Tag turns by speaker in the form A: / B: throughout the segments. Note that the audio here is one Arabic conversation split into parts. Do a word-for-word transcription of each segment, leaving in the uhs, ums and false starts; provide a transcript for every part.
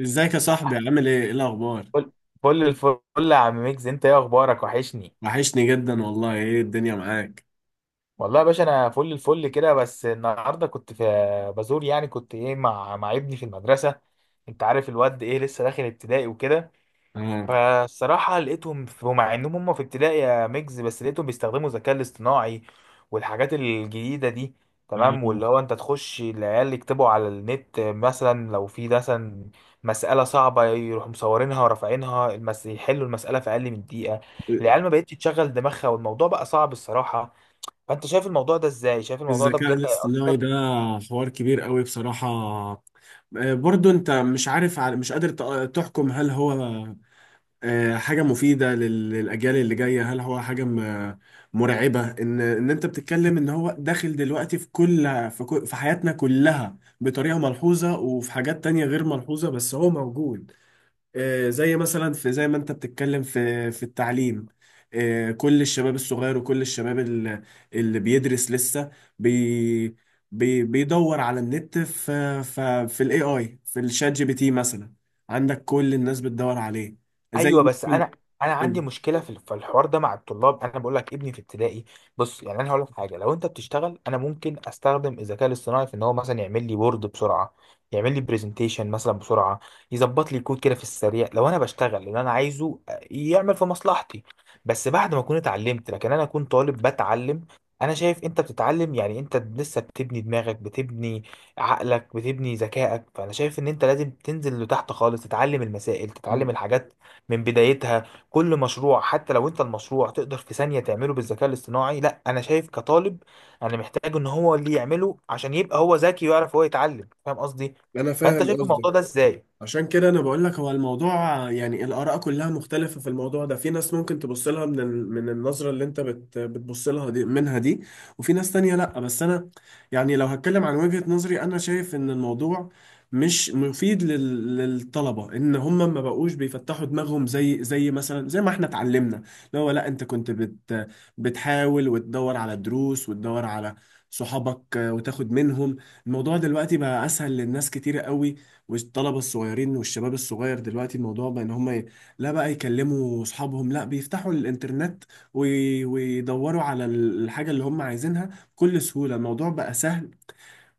A: ازيك يا صاحبي؟ عامل ايه ايه الاخبار؟
B: فل فل الفل. يا عم ميكس، انت ايه اخبارك؟ وحشني.
A: وحشني جدا والله. ايه الدنيا معاك؟
B: والله يا باشا، انا فل الفل كده. بس النهارده كنت في بزور، يعني كنت ايه مع مع ابني في المدرسه. انت عارف الواد ايه، لسه داخل ابتدائي وكده.
A: اه
B: فالصراحة لقيتهم في- ومع انهم هم في ابتدائي يا ميجز، بس لقيتهم بيستخدموا الذكاء الاصطناعي والحاجات الجديدة دي. تمام، واللي
A: آه.
B: هو انت تخش العيال يكتبوا على النت مثلا، لو في مثلا مسألة صعبة يروحوا مصورينها ورافعينها المس... يحلوا المسألة في أقل من دقيقة. العيال ما بقتش تشغل دماغها، والموضوع بقى صعب الصراحة. فأنت شايف الموضوع ده ازاي؟ شايف الموضوع ده
A: الذكاء
B: بجد
A: الاصطناعي
B: هيأثر؟
A: ده حوار كبير قوي بصراحة، آه، برضو انت مش عارف ع- مش قادر ت- تحكم هل هو آه، حاجة مفيدة لل- للأجيال اللي جاية، هل هو حاجة م- مرعبة. ان ان انت بتتكلم ان هو داخل دلوقتي في كل في كل- في حياتنا كلها بطريقة ملحوظة، وفي حاجات تانية غير ملحوظة بس هو موجود. آه، زي مثلا في زي ما انت بتتكلم في في التعليم، آه، كل الشباب الصغير وكل الشباب ال- اللي بيدرس لسه بي بي بيدور على النت في في في الاي اي، في الشات جي بي تي مثلا. عندك كل الناس بتدور عليه زي.
B: ايوه، بس انا انا عندي
A: ممكن.
B: مشكله في في الحوار ده مع الطلاب. انا بقول لك، ابني في ابتدائي. بص، يعني انا هقول لك حاجه. لو انت بتشتغل، انا ممكن استخدم الذكاء الاصطناعي في ان هو مثلا يعمل لي وورد بسرعه. يعمل لي برزنتيشن مثلا بسرعه. يظبط لي كود كده في السريع. لو انا بشتغل اللي انا عايزه، آه، يعمل في مصلحتي. بس بعد ما اكون اتعلمت. لكن انا اكون طالب بتعلم. انا شايف انت بتتعلم، يعني انت لسه بتبني دماغك، بتبني عقلك، بتبني ذكائك. فانا شايف ان انت لازم تنزل لتحت خالص، تتعلم المسائل، تتعلم الحاجات من بدايتها. كل مشروع، حتى لو انت المشروع تقدر في ثانية تعمله بالذكاء الاصطناعي، لا، انا شايف كطالب انا محتاج ان هو اللي يعمله، عشان يبقى هو ذكي ويعرف هو يتعلم. فاهم قصدي؟
A: انا
B: فانت
A: فاهم
B: شايف
A: قصدك.
B: الموضوع ده ازاي؟
A: عشان كده انا بقول لك هو الموضوع، يعني الاراء كلها مختلفه في الموضوع ده. في ناس ممكن تبص لها من ال- من النظره اللي انت بت بتبص لها دي، منها دي، وفي ناس تانية لا. بس انا يعني لو هتكلم عن وجهه نظري، انا شايف ان الموضوع مش مفيد لل- للطلبه، ان هم ما بقوش بيفتحوا دماغهم زي زي مثلا زي ما احنا اتعلمنا. اللي هو لا، انت كنت بت بتحاول وتدور على دروس وتدور على صحابك، آه، وتاخد منهم. الموضوع دلوقتي بقى اسهل للناس كتير قوي. والطلبه الصغيرين والشباب الصغير دلوقتي الموضوع بقى ان هم ي- لا بقى يكلموا اصحابهم، لا بيفتحوا الانترنت وي- ويدوروا على ال- الحاجه اللي هم عايزينها بكل سهوله. الموضوع بقى سهل.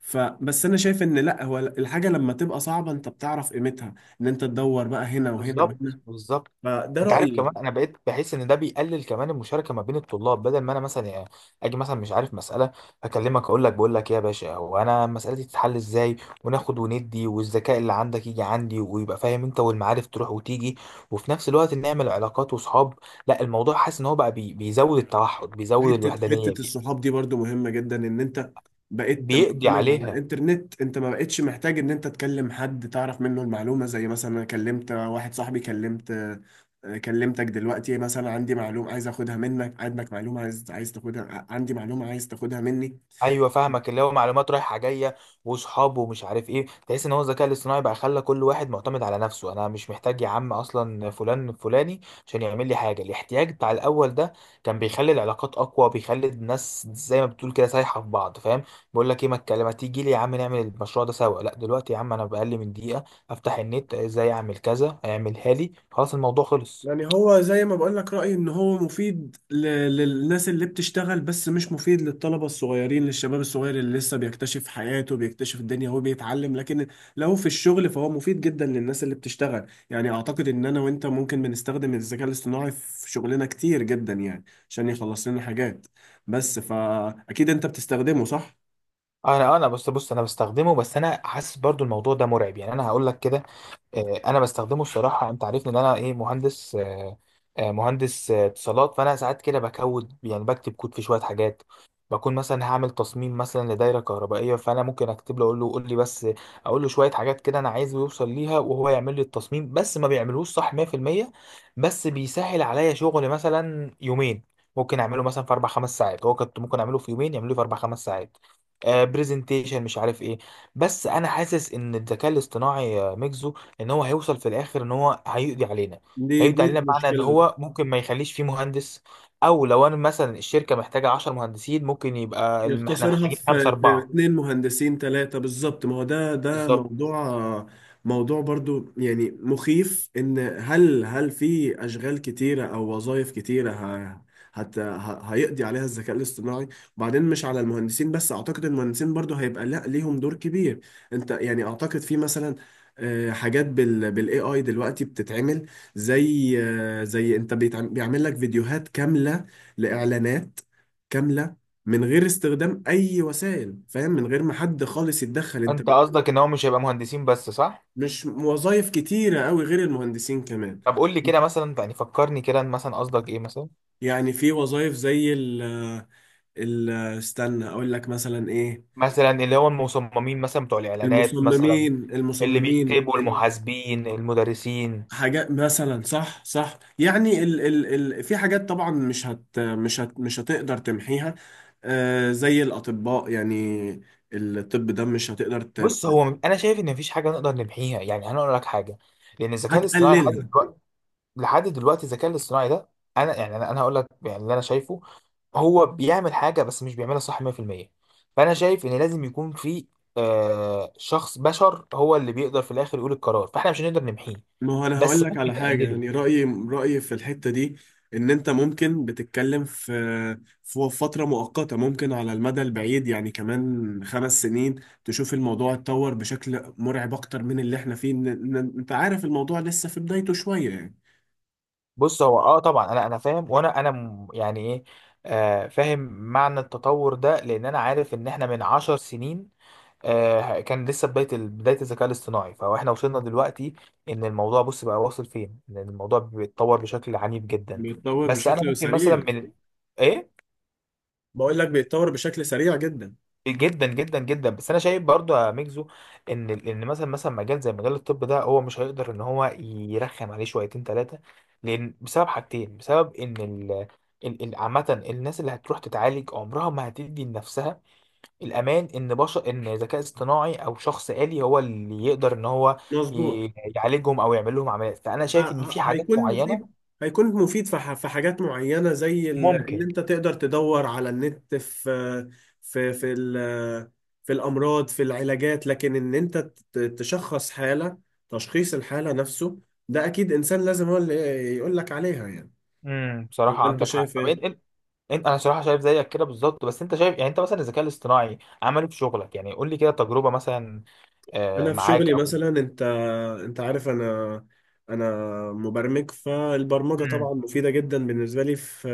A: فبس انا شايف ان لا، هو الحاجه لما تبقى صعبه انت بتعرف قيمتها، ان انت تدور بقى هنا وهنا
B: بالظبط،
A: وهنا.
B: بالظبط.
A: فده
B: انت عارف كمان،
A: رايي.
B: انا بقيت بحس ان ده بيقلل كمان المشاركه ما بين الطلاب. بدل ما انا مثلا يعني اجي مثلا مش عارف مساله، اكلمك اقول لك، بقول لك ايه يا باشا، هو انا مسالتي تتحل ازاي؟ وناخد وندي، والذكاء اللي عندك يجي عندي ويبقى فاهم انت، والمعارف تروح وتيجي. وفي نفس الوقت نعمل علاقات وصحاب. لا، الموضوع حاسس ان هو بقى بي- بيزود التوحد، بيزود
A: حتة
B: الوحدانيه،
A: حتة
B: بي-
A: الصحاب دي برضو مهمة جدا. ان انت بقيت
B: بيقضي
A: معتمد على
B: عليها.
A: الانترنت، انت ما بقتش محتاج ان انت تكلم حد تعرف منه المعلومة. زي مثلا انا كلمت واحد صاحبي، كلمت، آه، كلمتك دلوقتي مثلا، عندي معلومة عايز اخدها منك، عندك معلومة عايز عايز تاخدها، عندي معلومة عايز تاخدها مني.
B: ايوه، فاهمك. اللي هو معلومات رايحه جايه واصحابه ومش عارف ايه. تحس ان هو الذكاء الاصطناعي بقى خلى كل واحد معتمد على نفسه. انا مش محتاج يا عم اصلا فلان فلاني عشان يعمل لي حاجه. الاحتياج بتاع الاول ده كان بيخلي العلاقات اقوى، بيخلي الناس زي ما بتقول كده سايحه في بعض. فاهم؟ بيقول لك ايه، ما الكلام، ما تيجي لي يا عم نعمل المشروع ده سوا. لا دلوقتي يا عم، انا باقل من دقيقه افتح النت، ازاي اعمل كذا، اعملها لي، خلاص الموضوع خلص.
A: يعني هو زي ما بقول لك، رأيي ان هو مفيد ل- للناس اللي بتشتغل، بس مش مفيد للطلبة الصغيرين، للشباب الصغير اللي لسه بيكتشف حياته، بيكتشف الدنيا، هو بيتعلم. لكن لو في الشغل فهو مفيد جدا للناس اللي بتشتغل. يعني اعتقد ان انا وانت ممكن بنستخدم الذكاء الاصطناعي في شغلنا كتير جدا يعني، عشان يخلص لنا حاجات. بس فاكيد انت بتستخدمه صح؟
B: انا انا بص بص انا بستخدمه. بس انا حاسس برضو الموضوع ده مرعب يعني. انا هقول لك كده. آه، انا بستخدمه الصراحه. انت عارفني ان انا ايه، مهندس، آه، آه، مهندس آه، اتصالات. فانا ساعات كده بكود، يعني بكتب كود في شويه حاجات. بكون مثلا هعمل تصميم مثلا لدايره كهربائيه، فانا ممكن اكتب له، اقول له قول لي بس، اقول له شويه حاجات كده انا عايزه يوصل ليها وهو يعمل لي التصميم. بس ما بيعملوش صح مية في المية. بس بيسهل عليا شغل مثلا يومين ممكن اعمله مثلا في اربع خمس ساعات. هو كنت ممكن اعمله في يومين، يعمله في اربع خمس ساعات. برزنتيشن، مش عارف ايه. بس انا حاسس ان الذكاء الاصطناعي، آه، ميجزو، ان هو هيوصل في الاخر ان هو هيقضي علينا.
A: دي
B: هيقضي
A: دي
B: علينا بمعنى ان
A: المشكلة بقى.
B: هو ممكن ما يخليش فيه مهندس. او لو انا مثلا الشركه محتاجه عشر مهندسين، ممكن يبقى الم- احنا
A: يختصرها
B: محتاجين خمسه
A: في في
B: اربعه.
A: اتنين مهندسين تلاتة بالظبط. ما هو ده ده
B: بالظبط.
A: موضوع، موضوع برضو يعني مخيف، ان هل هل في اشغال كتيرة او وظائف كتيرة ه- هت ه- هيقضي عليها الذكاء الاصطناعي؟ وبعدين مش على المهندسين بس، اعتقد المهندسين برضو هيبقى لا ليهم دور كبير. انت يعني اعتقد في مثلا آه، حاجات بال بالاي اي دلوقتي بتتعمل، زي آه، زي انت بيتعم- بيعمل لك فيديوهات كاملة لاعلانات كاملة من غير استخدام اي وسائل، فاهم، من غير ما حد خالص يتدخل. انت
B: انت
A: ب-
B: قصدك ان هو مش هيبقى مهندسين بس، صح؟
A: مش وظائف كتيرة قوي غير المهندسين كمان.
B: طب قول لي كده مثلا، يعني فكرني كده مثلا، قصدك ايه مثلا؟
A: يعني في وظائف زي ال ال استنى اقول لك مثلا ايه،
B: مثلا اللي هو المصممين مثلا، بتوع الاعلانات مثلا،
A: المصممين
B: اللي
A: المصممين
B: بيكتبوا، المحاسبين، المدرسين.
A: الحاجات مثلا. صح صح يعني ال ال ال في حاجات طبعا مش هت مش هت مش هتقدر تمحيها. آه زي الاطباء يعني، الطب ده مش هتقدر ت-
B: بص هو، انا شايف ان مفيش حاجه نقدر نمحيها يعني. انا اقول لك حاجه، لان الذكاء الاصطناعي لحد
A: هتقللها.
B: دلوقتي، لحد دلوقتي الذكاء الاصطناعي ده، انا يعني انا أنا هقول لك يعني اللي انا شايفه. هو بيعمل حاجه، بس مش بيعملها صح مية في المية. فانا شايف ان لازم يكون في آه شخص بشر، هو اللي بيقدر في الاخر يقول القرار. فاحنا مش هنقدر نمحيه،
A: ما هو انا هقول
B: بس
A: لك على
B: ممكن
A: حاجه
B: نقلله.
A: يعني، رايي رايي في الحته دي، ان انت ممكن بتتكلم في في فتره مؤقته. ممكن على المدى البعيد، يعني كمان خمس سنين، تشوف الموضوع اتطور بشكل مرعب اكتر من اللي احنا فيه. إن- إن- انت عارف الموضوع لسه في بدايته شويه يعني.
B: بص هو، اه طبعا انا انا فاهم، وانا انا م- يعني ايه. آه فاهم معنى التطور ده، لان انا عارف ان احنا من عشر سنين، آه، كان لسه بداية بداية الذكاء الاصطناعي. فاحنا وصلنا دلوقتي، ان الموضوع بص بقى واصل فين، ان الموضوع بيتطور بشكل عنيف جدا.
A: بيتطور
B: بس انا
A: بشكل
B: ممكن مثلا
A: سريع.
B: من، ايه،
A: بقول لك بيتطور بشكل سريع جدا.
B: جدا جدا جدا، بس انا شايف برضو يا ميكزو ان ان مثلا مثلا مجال زي مجال الطب ده، هو مش هيقدر ان هو يرخم عليه شويتين ثلاثة. لان بسبب حاجتين، بسبب ان ال ال- ال- عامة الناس اللي هتروح تتعالج عمرها ما هتدي لنفسها الامان ان بشر، ان ذكاء اصطناعي او شخص آلي هو اللي يقدر ان هو
A: مظبوط.
B: ي- يعالجهم او يعمل لهم عمليات. فانا
A: ه-
B: شايف ان
A: ه-
B: في حاجات
A: هيكون
B: معينه
A: مفيد، هيكون مفيد في ح- في حاجات معينة، زي ال- ان
B: ممكن.
A: انت تقدر تدور على النت في في في ال- في الامراض، في العلاجات. لكن ان انت ت- تشخص حالة، تشخيص الحالة نفسه ده اكيد انسان لازم هو اللي يقول لك عليها يعني.
B: امم بصراحه
A: ولا انت
B: عندك حق.
A: شايف
B: طب إن- إن-
A: ايه؟
B: انت، انا صراحه شايف زيك كده بالظبط. بس انت شايف، يعني انت مثلا الذكاء الاصطناعي عمله في شغلك يعني؟ قول لي كده تجربه مثلا آه،
A: انا في
B: معاك
A: شغلي
B: او.
A: مثلا، انت عارف انا، انا مبرمج، فالبرمجه
B: مم.
A: طبعا مفيده جدا بالنسبه لي في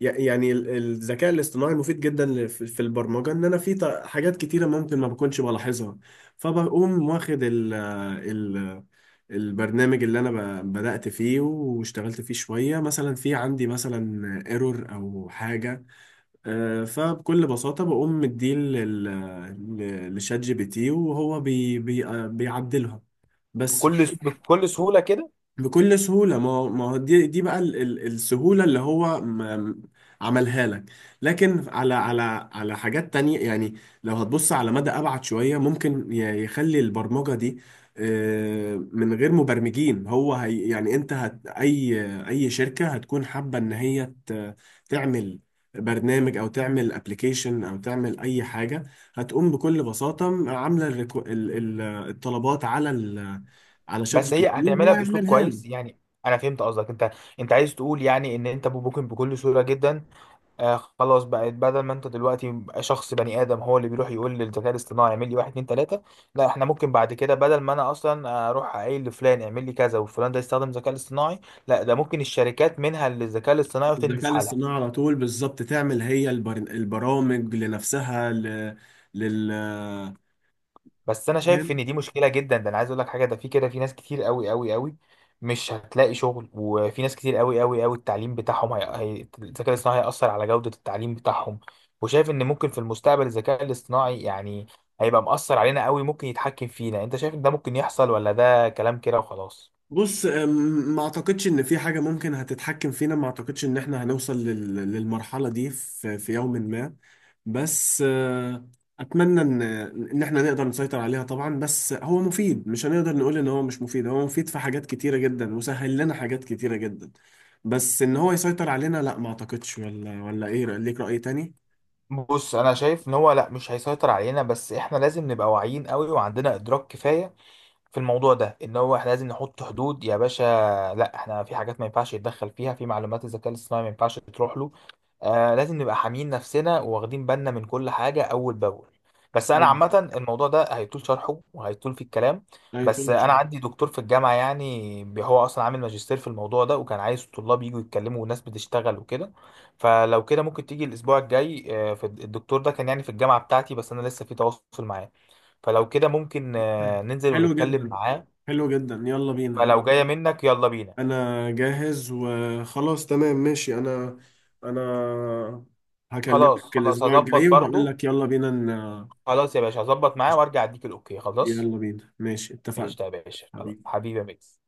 A: ي- يعني ال- الذكاء الاصطناعي مفيد جدا ل- في في البرمجه، ان انا في ط- حاجات كتيره ممكن ما بكونش بلاحظها، فبقوم واخد ال ال البرنامج اللي انا ب- بدأت فيه واشتغلت فيه شويه، مثلا في عندي مثلا ايرور او حاجه، آه، فبكل بساطه بقوم مديه لل- ل- لشات جي بي تي، وهو بي بي آه، بيعدلها بس.
B: بكل بكل سهوله كده.
A: بكل سهولة. ما هو- ما هو دي دي بقى ال- ال- السهولة اللي هو م- عملها لك. لكن على على على حاجات تانية يعني، لو هتبص على مدى أبعد شوية ممكن ي- يخلي البرمجة دي آه، من غير مبرمجين. هو هي يعني أنت هت أي أي شركة هتكون حابة إن هي ت- تعمل برنامج أو تعمل أبليكيشن أو تعمل أي حاجة، هتقوم بكل بساطة عاملة الريكو- ال- ال- الطلبات على ال- على شات
B: بس
A: جي بي
B: هي
A: تي
B: هتعملها
A: وهو
B: باسلوب
A: يعملها لك.
B: كويس يعني. انا فهمت قصدك انت. انت عايز تقول يعني ان انت ممكن بكل سهوله جدا، آه خلاص، بقت بدل ما انت دلوقتي بقى شخص بني ادم هو اللي بيروح يقول للذكاء الاصطناعي اعمل لي واحد اتنين تلاته. لا، احنا ممكن بعد كده بدل ما انا اصلا اروح اقول لفلان اعمل لي كذا وفلان ده يستخدم الذكاء الاصطناعي، لا ده ممكن الشركات منها للذكاء الاصطناعي وتنجز
A: الذكاء
B: حالها.
A: الاصطناعي على طول بالظبط، تعمل هي البر... البرامج لنفسها ل... لل
B: بس انا شايف
A: فاهم.
B: ان دي مشكله جدا. ده انا عايز اقول لك حاجه، ده في كده في ناس كتير قوي قوي قوي مش هتلاقي شغل. وفي ناس كتير قوي قوي قوي التعليم بتاعهم هي... هي... الذكاء الاصطناعي هيأثر على جوده التعليم بتاعهم. وشايف ان ممكن في المستقبل الذكاء الاصطناعي يعني هيبقى مأثر علينا قوي، ممكن يتحكم فينا. انت شايف ان ده ممكن يحصل، ولا ده كلام كده وخلاص؟
A: بص، أم، ما اعتقدش ان في حاجه ممكن هتتحكم فينا. ما اعتقدش ان احنا هنوصل لل... للمرحله دي في... في يوم ما. بس آه، اتمنى ان ان احنا نقدر نسيطر عليها طبعا. بس هو مفيد، مش هنقدر نقول ان هو مش مفيد، هو مفيد في حاجات كتيره جدا وسهل لنا حاجات كتيره جدا. بس ان هو يسيطر علينا لا، ما اعتقدش. ولا، ولا ايه، ليك رأي تاني؟
B: بص، انا شايف ان هو لا، مش هيسيطر علينا. بس احنا لازم نبقى واعيين قوي وعندنا ادراك كفايه في الموضوع ده، ان هو احنا لازم نحط حدود يا باشا. لا، احنا في حاجات ما ينفعش يتدخل فيها، في معلومات الذكاء الاصطناعي ما ينفعش تروح له. آه لازم نبقى حاميين نفسنا واخدين بالنا من كل حاجة اول باول. بس انا
A: لا.
B: عامة الموضوع ده هيطول شرحه وهيطول في الكلام.
A: لا،
B: بس انا
A: يطول.
B: عندي دكتور في الجامعة يعني، بي- هو اصلا عامل ماجستير في الموضوع ده وكان عايز الطلاب يجوا يتكلموا، والناس بتشتغل وكده. فلو كده ممكن تيجي الاسبوع الجاي. آه، في الدكتور ده كان يعني في الجامعة بتاعتي، بس انا لسه في تواصل معاه. فلو كده ممكن آه، ننزل
A: حلو
B: ونتكلم
A: جدا.
B: معاه.
A: حلو جدا، يلا بينا.
B: فلو جايه منك، يلا بينا.
A: انا جاهز وخلاص، تمام، ماشي. انا انا
B: خلاص
A: هكلمك
B: خلاص،
A: الاسبوع
B: هظبط
A: الجاي وهقول
B: برضو.
A: لك يلا بينا ن-
B: خلاص يا باشا، هظبط معاه وارجع اديك الاوكي، خلاص.
A: يلا بينا ماشي، اتفقنا.
B: قشطه يا باشا، خلاص
A: حبيبي.
B: حبيبي يا ميكس.